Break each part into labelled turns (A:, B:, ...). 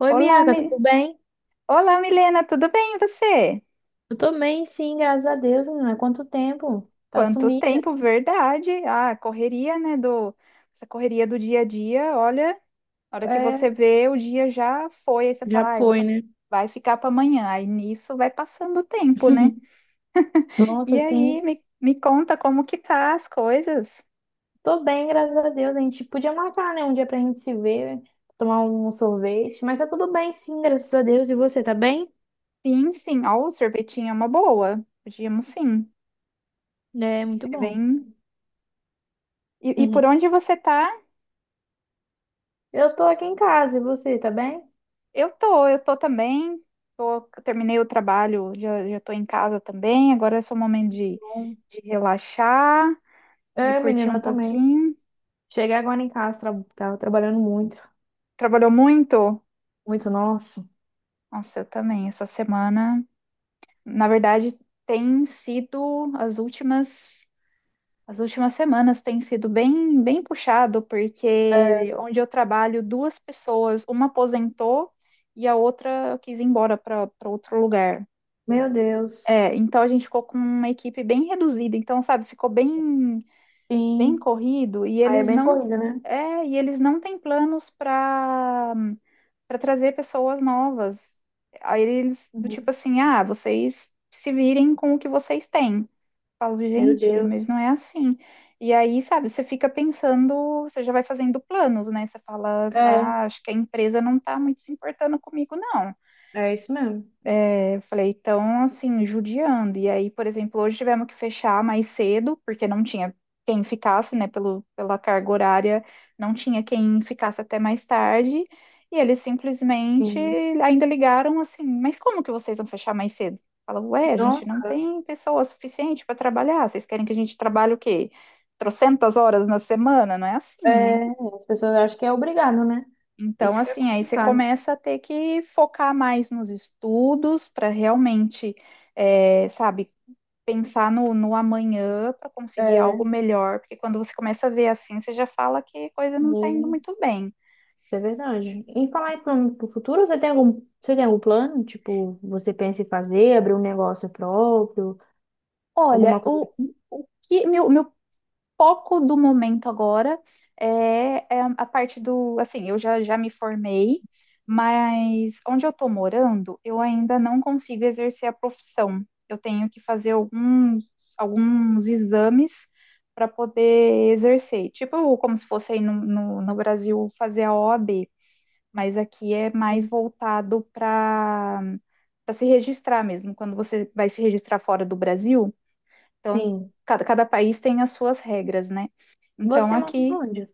A: Oi,
B: Olá,
A: Bianca, tudo bem?
B: Olá, Milena, tudo bem e você?
A: Eu tô bem, sim, graças a Deus, menina. Quanto tempo? Tá
B: Quanto
A: sumida.
B: tempo, verdade? Ah, a correria, né, essa correria do dia a dia, olha, a hora que você
A: É,
B: vê, o dia já foi, aí você
A: já
B: fala, ai,
A: foi, né?
B: vai ficar para amanhã, aí nisso vai passando o tempo, né? E
A: Nossa, sim.
B: aí, me conta como que tá as coisas?
A: Tô bem, graças a Deus. A gente podia marcar, né, um dia pra gente se ver, tomar um sorvete, mas tá tudo bem, sim, graças a Deus. E você, tá bem?
B: Sim, sim, ó, o sorvetinho é uma boa, podíamos sim,
A: É,
B: vai
A: muito
B: ser
A: bom.
B: e, por onde você tá?
A: Eu tô aqui em casa, e você, tá bem?
B: Eu tô também. Tô, terminei o trabalho, já tô em casa também. Agora é só o momento
A: Bom.
B: de relaxar, de
A: É,
B: curtir
A: menina,
B: um
A: eu também.
B: pouquinho.
A: Cheguei agora em casa, tava trabalhando muito,
B: Trabalhou muito?
A: muito, nossa.
B: Nossa, eu também. Essa semana, na verdade, tem sido as últimas semanas tem sido bem, bem puxado, porque
A: É.
B: onde eu trabalho, duas pessoas, uma aposentou e a outra quis ir embora para outro lugar.
A: Meu Deus.
B: É, então a gente ficou com uma equipe bem reduzida, então, sabe, ficou bem
A: Sim.
B: corrido e
A: Aí é
B: eles
A: bem
B: não
A: corrida, né?
B: é, e eles não têm planos para trazer pessoas novas. Aí eles do tipo assim, ah, vocês se virem com o que vocês têm. Eu falo,
A: Meu
B: gente, mas
A: Deus.
B: não é assim. E aí, sabe, você fica pensando, você já vai fazendo planos, né? Você fala,
A: É,
B: ah, acho que a empresa não tá muito se importando comigo, não.
A: é isso mesmo.
B: É, eu falei, então, assim, judiando. E aí, por exemplo, hoje tivemos que fechar mais cedo, porque não tinha quem ficasse, né, pela carga horária, não tinha quem ficasse até mais tarde. E eles simplesmente
A: Sim.
B: ainda ligaram assim: Mas como que vocês vão fechar mais cedo? Fala, ué, a gente
A: Então,
B: não tem pessoa suficiente para trabalhar. Vocês querem que a gente trabalhe o quê? Trocentas horas na semana? Não é assim, né?
A: é, as pessoas acham que é obrigado, né?
B: Então,
A: Isso que é
B: assim, aí você
A: complicado.
B: começa a ter que focar mais nos estudos para realmente, é, sabe, pensar no amanhã para conseguir algo
A: É,
B: melhor, porque quando você começa a ver assim, você já fala que a coisa não está indo
A: sim,
B: muito bem.
A: é verdade. E falar em plano pro futuro, você tem algum plano? Tipo, você pensa em fazer, abrir um negócio próprio, alguma
B: Olha,
A: coisa assim?
B: o que meu foco do momento agora é, é a parte do, assim, já me formei, mas onde eu estou morando, eu ainda não consigo exercer a profissão. Eu tenho que fazer alguns, alguns exames para poder exercer. Tipo, como se fosse aí no Brasil fazer a OAB, mas aqui é mais voltado para se registrar mesmo. Quando você vai se registrar fora do Brasil, então,
A: Sim.
B: cada país tem as suas regras, né? Então,
A: Você mora
B: aqui,
A: onde?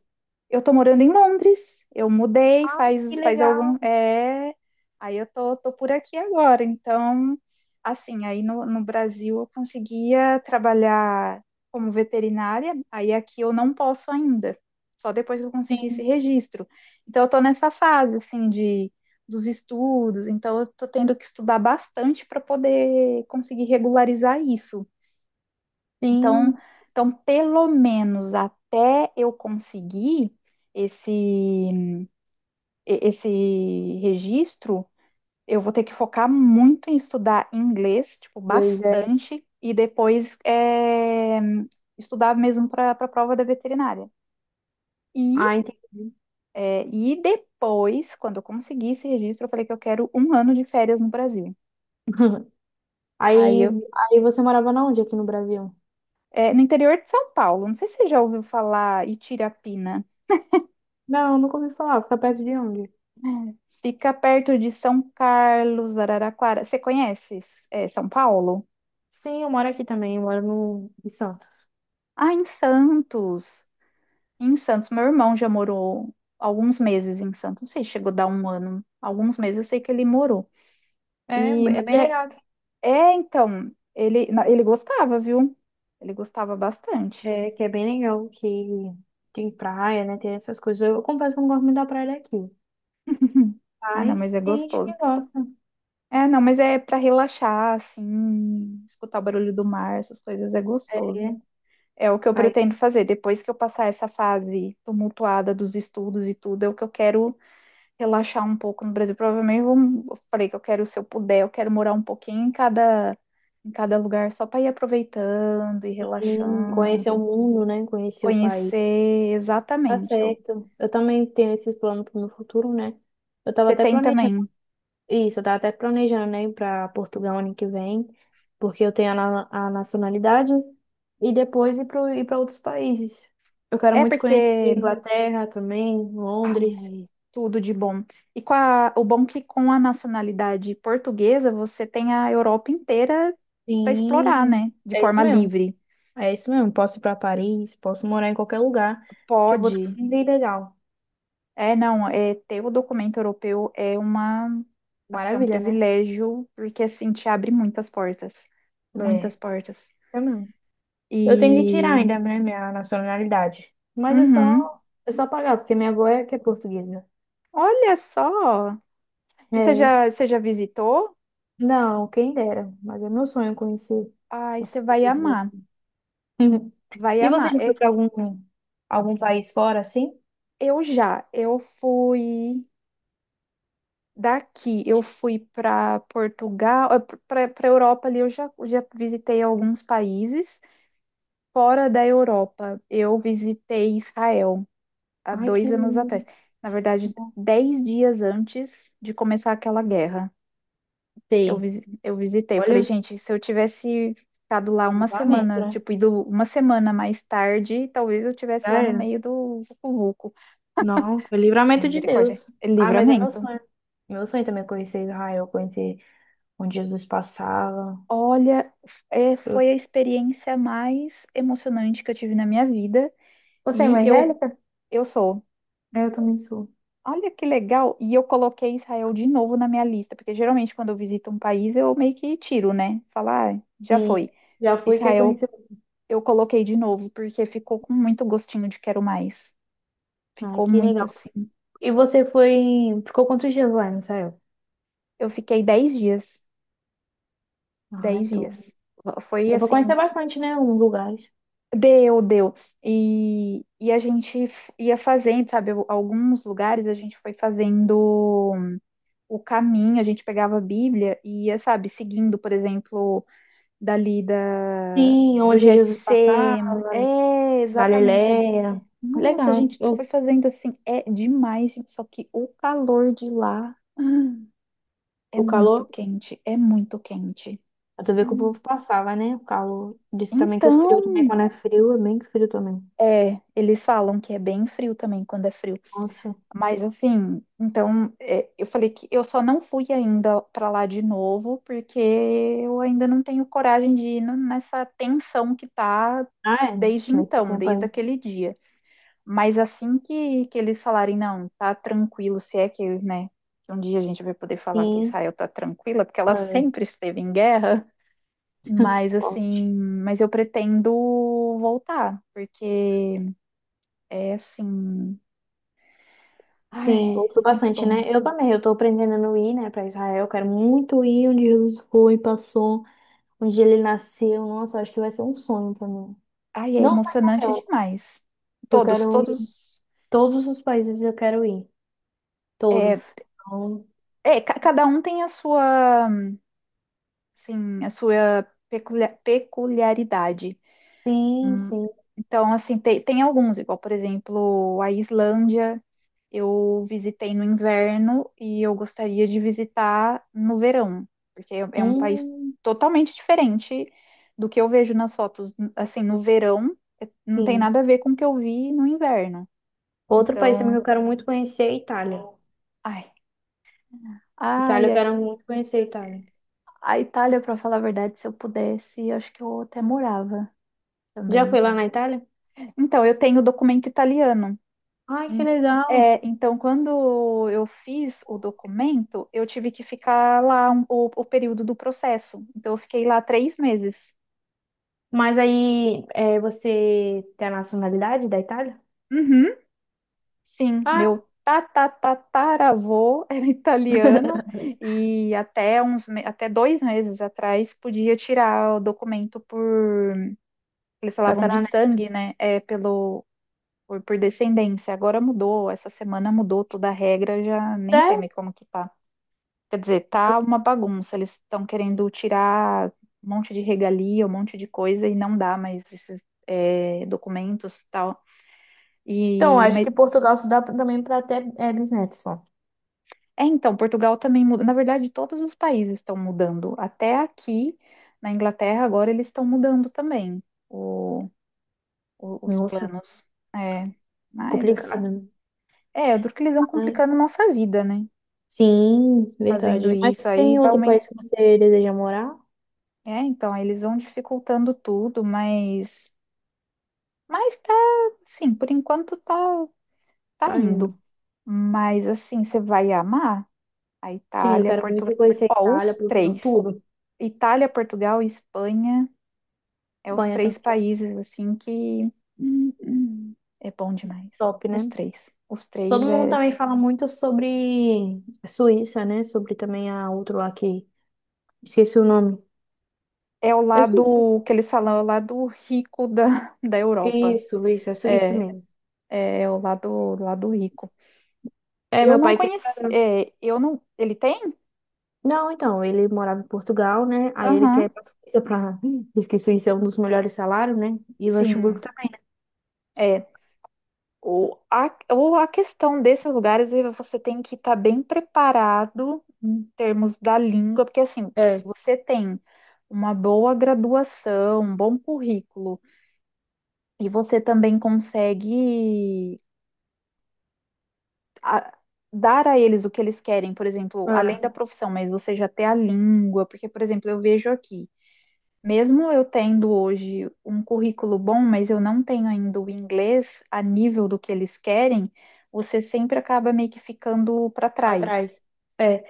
B: eu tô morando em Londres, eu mudei
A: Ah, que
B: faz, faz algum.
A: legal.
B: É, aí eu tô por aqui agora. Então, assim, aí no Brasil eu conseguia trabalhar como veterinária, aí aqui eu não posso ainda, só depois que eu conseguir esse
A: Sim.
B: registro. Então, eu tô nessa fase, assim, de. Dos estudos, então eu tô tendo que estudar bastante para poder conseguir regularizar isso então,
A: Sim,
B: então, pelo menos até eu conseguir esse, e- esse registro, eu vou ter que focar muito em estudar inglês, tipo,
A: inglês, é.
B: bastante, e depois estudar mesmo para a prova da veterinária. E,
A: Ah, entendi.
B: e depois, quando eu conseguir esse registro, eu falei que eu quero um ano de férias no Brasil. Aí
A: Aí,
B: eu,
A: aí você morava na onde aqui no Brasil?
B: no interior de São Paulo, não sei se você já ouviu falar Itirapina.
A: Não, nunca ouvi falar. Fica perto de onde?
B: Fica perto de São Carlos, Araraquara. Você conhece, é, São Paulo?
A: Sim, eu moro aqui também, eu moro no, em Santos.
B: Ah, em Santos. Em Santos, meu irmão já morou alguns meses em Santos. Não sei, chegou a dar um ano. Alguns meses eu sei que ele morou.
A: É,
B: E,
A: é
B: mas
A: bem
B: é,
A: legal aqui.
B: é, então, ele gostava, viu? Ele gostava bastante.
A: É, que é bem legal que tem praia, né? Tem essas coisas. Eu confesso que eu não gosto muito da praia daqui.
B: Ah, não, mas
A: Mas
B: é
A: tem gente
B: gostoso.
A: que gosta,
B: É, não, mas é para relaxar, assim, escutar o barulho do mar, essas coisas é gostoso.
A: né?
B: É o que eu
A: Aí
B: pretendo fazer. Depois que eu passar essa fase tumultuada dos estudos e tudo, é o que eu quero relaxar um pouco no Brasil. Provavelmente eu falei que eu quero, se eu puder, eu quero morar um pouquinho em em cada lugar, só para ir aproveitando e
A: sim, conhecer o
B: relaxando,
A: mundo, né? Conhecer o país.
B: conhecer
A: Tá
B: exatamente. Eu-
A: certo. Eu também tenho esses planos pro meu futuro, né? Eu tava
B: Você
A: até
B: tem
A: planejando.
B: também.
A: Isso, eu tava até planejando, né, para Portugal ano que vem, porque eu tenho a nacionalidade, e depois ir para outros países. Eu quero
B: É
A: muito conhecer
B: porque,
A: Inglaterra também, Londres.
B: ai, tudo de bom. E com o bom que com a nacionalidade portuguesa, você tem a Europa inteira para explorar,
A: Sim,
B: né? De
A: é isso
B: forma
A: mesmo.
B: livre.
A: É isso mesmo. Posso ir para Paris, posso morar em qualquer lugar, que eu vou estar
B: Pode.
A: bem legal.
B: É, não, é, ter o documento europeu é uma, assim, é um
A: Maravilha, né?
B: privilégio, porque assim te abre muitas portas, muitas
A: É,
B: portas.
A: é mesmo. Eu tenho que tirar
B: E,
A: ainda, né, minha nacionalidade. Mas
B: uhum,
A: é só pagar, porque minha avó é que é portuguesa.
B: olha só. E
A: É.
B: você já visitou?
A: Não, quem dera, mas é meu sonho conhecer
B: Ai, você
A: outros
B: vai
A: países.
B: amar,
A: Uhum.
B: vai
A: E você
B: amar.
A: já foi
B: É,
A: para algum, algum país fora assim?
B: eu fui daqui, eu fui para Portugal, para Europa ali, já visitei alguns países. Fora da Europa, eu visitei Israel há
A: Ai, que
B: 2 anos atrás.
A: lindo.
B: Na verdade, 10 dias antes de começar aquela guerra,
A: Sei.
B: eu visitei. Eu falei,
A: Olha,
B: gente, se eu tivesse ficado lá uma
A: livramento,
B: semana,
A: né?
B: tipo, ido uma semana mais tarde, talvez eu tivesse
A: Já
B: lá no
A: era.
B: meio do vucu-vucu.
A: Não, foi livramento de
B: Misericórdia.
A: Deus.
B: É
A: Ah, mas é meu
B: Livramento.
A: sonho. Meu sonho também é conhecer Israel, conhecer onde Jesus passava.
B: Olha, é,
A: Eu-
B: foi a experiência mais emocionante que eu tive na minha vida.
A: Você é
B: E
A: evangélica?
B: eu sou.
A: É, eu também sou.
B: Olha que legal! E eu coloquei Israel de novo na minha lista, porque geralmente quando eu visito um país eu meio que tiro, né? Falar, ah, já
A: Sim.
B: foi.
A: Já fui, quer
B: Israel
A: conhecer.
B: eu coloquei de novo, porque ficou com muito gostinho de quero mais.
A: Ai,
B: Ficou
A: que
B: muito
A: legal.
B: assim.
A: E você foi ficou quantos dias lá em Israel?
B: Eu fiquei 10 dias.
A: Ai,
B: dez
A: top.
B: dias. Foi
A: Eu vou
B: assim,
A: conhecer bastante, né? Uns lugares.
B: deu, deu. E a gente ia fazendo, sabe? Alguns lugares a gente foi fazendo o caminho, a gente pegava a Bíblia e ia, sabe, seguindo, por exemplo. dali da,
A: Sim,
B: do
A: onde Jesus passava,
B: Jetsem. É, exatamente ali.
A: Galileia.
B: Nossa, a
A: Legal.
B: gente foi
A: Eu,
B: fazendo assim, é demais, gente, só que o calor de lá é
A: o
B: muito
A: calor,
B: quente, é muito quente.
A: eu tô vendo que o
B: Hum.
A: povo passava, né? O calor. Disse também que o frio também,
B: Então,
A: quando é frio, é bem frio também.
B: é, eles falam que é bem frio também quando é frio.
A: Nossa.
B: Mas assim, então, é, eu falei que eu só não fui ainda para lá de novo, porque eu ainda não tenho coragem de ir nessa tensão que tá
A: Ah, é?
B: desde
A: Nesse
B: então,
A: tempo
B: desde
A: aí.
B: aquele dia. Mas assim que eles falarem, não, tá tranquilo, se é que, né, um dia a gente vai poder falar que
A: Sim.
B: Israel tá tranquila, porque ela
A: É,
B: sempre esteve em guerra, mas
A: forte.
B: assim, mas eu pretendo voltar, porque é assim, ai,
A: Sim, gosto
B: muito
A: bastante,
B: bom.
A: né? Eu também, eu tô aprendendo a não ir, né, pra Israel. Quero muito ir onde Jesus foi, passou, onde ele nasceu. Nossa, acho que vai ser um sonho pra mim.
B: Ai, é
A: Não só
B: emocionante
A: Israel,
B: demais.
A: eu
B: Todos,
A: quero ir.
B: todos,
A: Todos os países eu quero ir.
B: é,
A: Todos. Então,
B: é, cada um tem a sua, assim, a sua peculiaridade.
A: sim,
B: Hum,
A: sim.
B: Então, assim, tem, tem alguns, igual, por exemplo, a Islândia, eu visitei no inverno e eu gostaria de visitar no verão, porque é um país
A: Hum,
B: totalmente diferente do que eu vejo nas fotos. Assim, no verão, não tem nada
A: sim.
B: a ver com o que eu vi no inverno.
A: Outro país também que
B: Então,
A: eu quero muito conhecer é a Itália.
B: ai,
A: Itália,
B: ai,
A: eu
B: ai.
A: quero muito conhecer a Itália.
B: A Itália, para falar a verdade, se eu pudesse, acho que eu até morava
A: Já
B: também.
A: foi lá na Itália?
B: Então, eu tenho documento italiano.
A: Ai, que
B: Em-
A: legal.
B: é, então, quando eu fiz o documento, eu tive que ficar lá o período do processo. Então, eu fiquei lá 3 meses.
A: Mas aí, é, você tem a nacionalidade da Itália?
B: Uhum, sim,
A: Ah,
B: meu tatatataravô era italiano e até uns, até 2 meses atrás podia tirar o documento por, eles falavam de
A: tataraneto.
B: sangue, né? É, pelo, por descendência. Agora mudou, essa semana mudou toda a regra, já nem sei
A: Sério?
B: mais como que tá. Quer dizer, tá uma bagunça. Eles estão querendo tirar um monte de regalia, um monte de coisa e não dá mais esses é, documentos e tal.
A: Então,
B: E
A: acho
B: mas,
A: que Portugal se dá também para ter, é, bisnetos só.
B: é então, Portugal também muda. Na verdade, todos os países estão mudando. Até aqui na Inglaterra agora eles estão mudando também o- os
A: Nossa,
B: planos. É, mas assim,
A: complicado, né?
B: é, eu duro que eles vão
A: Ai,
B: complicando nossa vida, né?
A: sim,
B: Fazendo
A: verdade. Mas
B: isso aí
A: tem
B: vai
A: outro
B: aumentar.
A: país que você deseja morar?
B: É, então, aí eles vão dificultando tudo, mas tá, sim, por enquanto tá, tá
A: Tá
B: indo.
A: indo.
B: Mas assim, você vai amar a
A: Sim, eu
B: Itália,
A: quero
B: Portugal.
A: muito conhecer a
B: Ó,
A: Itália,
B: os
A: Portugal,
B: três.
A: tudo.
B: Itália, Portugal e Espanha é os
A: Espanha
B: três
A: também é
B: países assim que é bom demais.
A: top,
B: Os
A: né?
B: três. Os
A: Todo
B: três
A: mundo
B: é,
A: também fala muito sobre a Suíça, né? Sobre também a outro lá que... Esqueci o nome.
B: é o
A: É Suíça.
B: lado que eles falam, é o lado rico da Europa.
A: Isso, é Suíça
B: É,
A: mesmo.
B: é o lado, lado rico.
A: É,
B: Eu
A: meu
B: não
A: pai quer ir
B: conheci.
A: pra...
B: É, eu não. Ele tem?
A: Não, então, ele morava em Portugal, né? Aí ele quer ir
B: Aham.
A: pra Suíça pra... Diz que Suíça é um dos melhores salários, né? E Luxemburgo
B: Sim.
A: também.
B: É, ou a questão desses lugares é você tem que estar bem preparado em termos da língua, porque assim, se
A: É,
B: você tem uma boa graduação, um bom currículo, e você também consegue a- dar a eles o que eles querem, por exemplo, além
A: é,
B: da profissão, mas você já tem a língua, porque, por exemplo, eu vejo aqui. Mesmo eu tendo hoje um currículo bom, mas eu não tenho ainda o inglês a nível do que eles querem, você sempre acaba meio que ficando para trás.
A: atrás. É,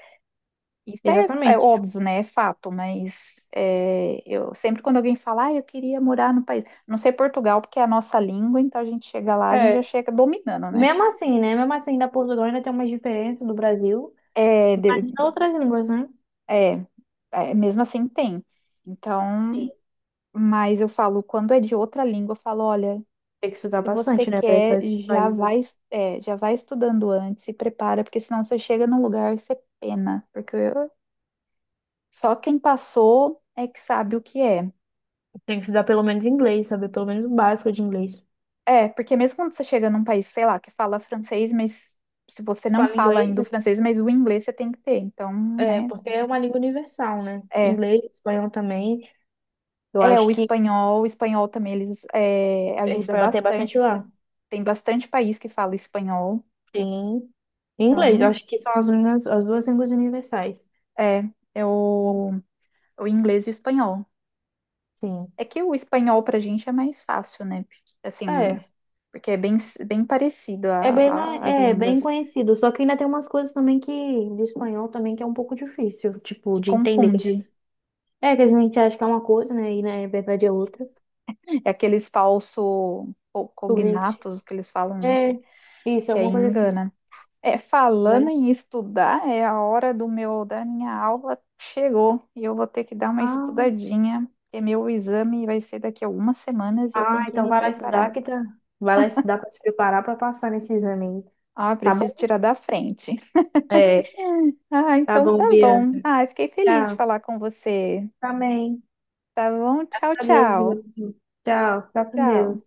B: Isso é, é
A: exatamente.
B: óbvio, né? É fato, mas é, eu sempre quando alguém fala, ah, eu queria morar no país, não sei Portugal, porque é a nossa língua, então a gente chega lá, a gente já
A: É.
B: chega dominando, né?
A: Mesmo assim, né? Mesmo assim, da Portugal ainda tem uma diferença do Brasil.
B: É,
A: Imagina outras línguas, né?
B: é, é, mesmo assim tem. Então, mas eu falo, quando é de outra língua, eu falo, olha,
A: Tem que estudar
B: se você
A: bastante, né, para ir
B: quer,
A: para esses
B: já vai,
A: países.
B: é, já vai estudando antes, se prepara, porque senão você chega num lugar e você pena, porque só quem passou é que sabe o que é.
A: Tem que estudar pelo menos inglês, saber pelo menos o básico de inglês.
B: É, porque mesmo quando você chega num país, sei lá, que fala francês, mas se você não
A: Fala
B: fala
A: inglês,
B: ainda o
A: né?
B: francês, mas o inglês você tem que ter, então,
A: É,
B: né?
A: porque é uma língua universal, né?
B: É,
A: Inglês, espanhol também. Eu
B: é
A: acho que
B: o espanhol também eles é, ajuda
A: espanhol tem bastante
B: bastante, porque
A: lá.
B: tem bastante país que fala espanhol,
A: Tem inglês, eu
B: então,
A: acho que são as, línguas, as duas línguas universais.
B: é, é o, o inglês e o espanhol.
A: Sim.
B: É que o espanhol pra gente é mais fácil, né? Porque, assim,
A: É.
B: porque é bem, bem parecido
A: É bem,
B: as
A: é bem
B: línguas.
A: conhecido, só que ainda tem umas coisas também que de espanhol também que é um pouco difícil, tipo,
B: Que
A: de entender. Que às
B: confunde.
A: vezes- É, que às vezes a gente acha que é uma coisa, né? E na verdade é outra.
B: É aqueles falso cognatos que eles falam, não sei,
A: É, isso,
B: que aí
A: alguma coisa assim.
B: engana. É, falando
A: Né?
B: em estudar, é a hora do meu, da minha aula chegou e eu vou ter que dar uma
A: Ah,
B: estudadinha, porque meu exame vai ser daqui a algumas semanas e eu
A: ah,
B: tenho que
A: então
B: me
A: vai lá
B: preparar.
A: estudar que tá. Vai lá estudar pra se preparar pra passar nesse exame aí.
B: Ah,
A: Tá bom?
B: preciso tirar da frente.
A: É,
B: Ah,
A: tá
B: então
A: bom,
B: tá bom.
A: Bianca.
B: Ah, eu fiquei feliz de
A: Tchau.
B: falar com você.
A: Também.
B: Tá bom? Tchau,
A: Adeus,
B: tchau.
A: Bianca. Tchau. Fica com Deus.
B: Tchau.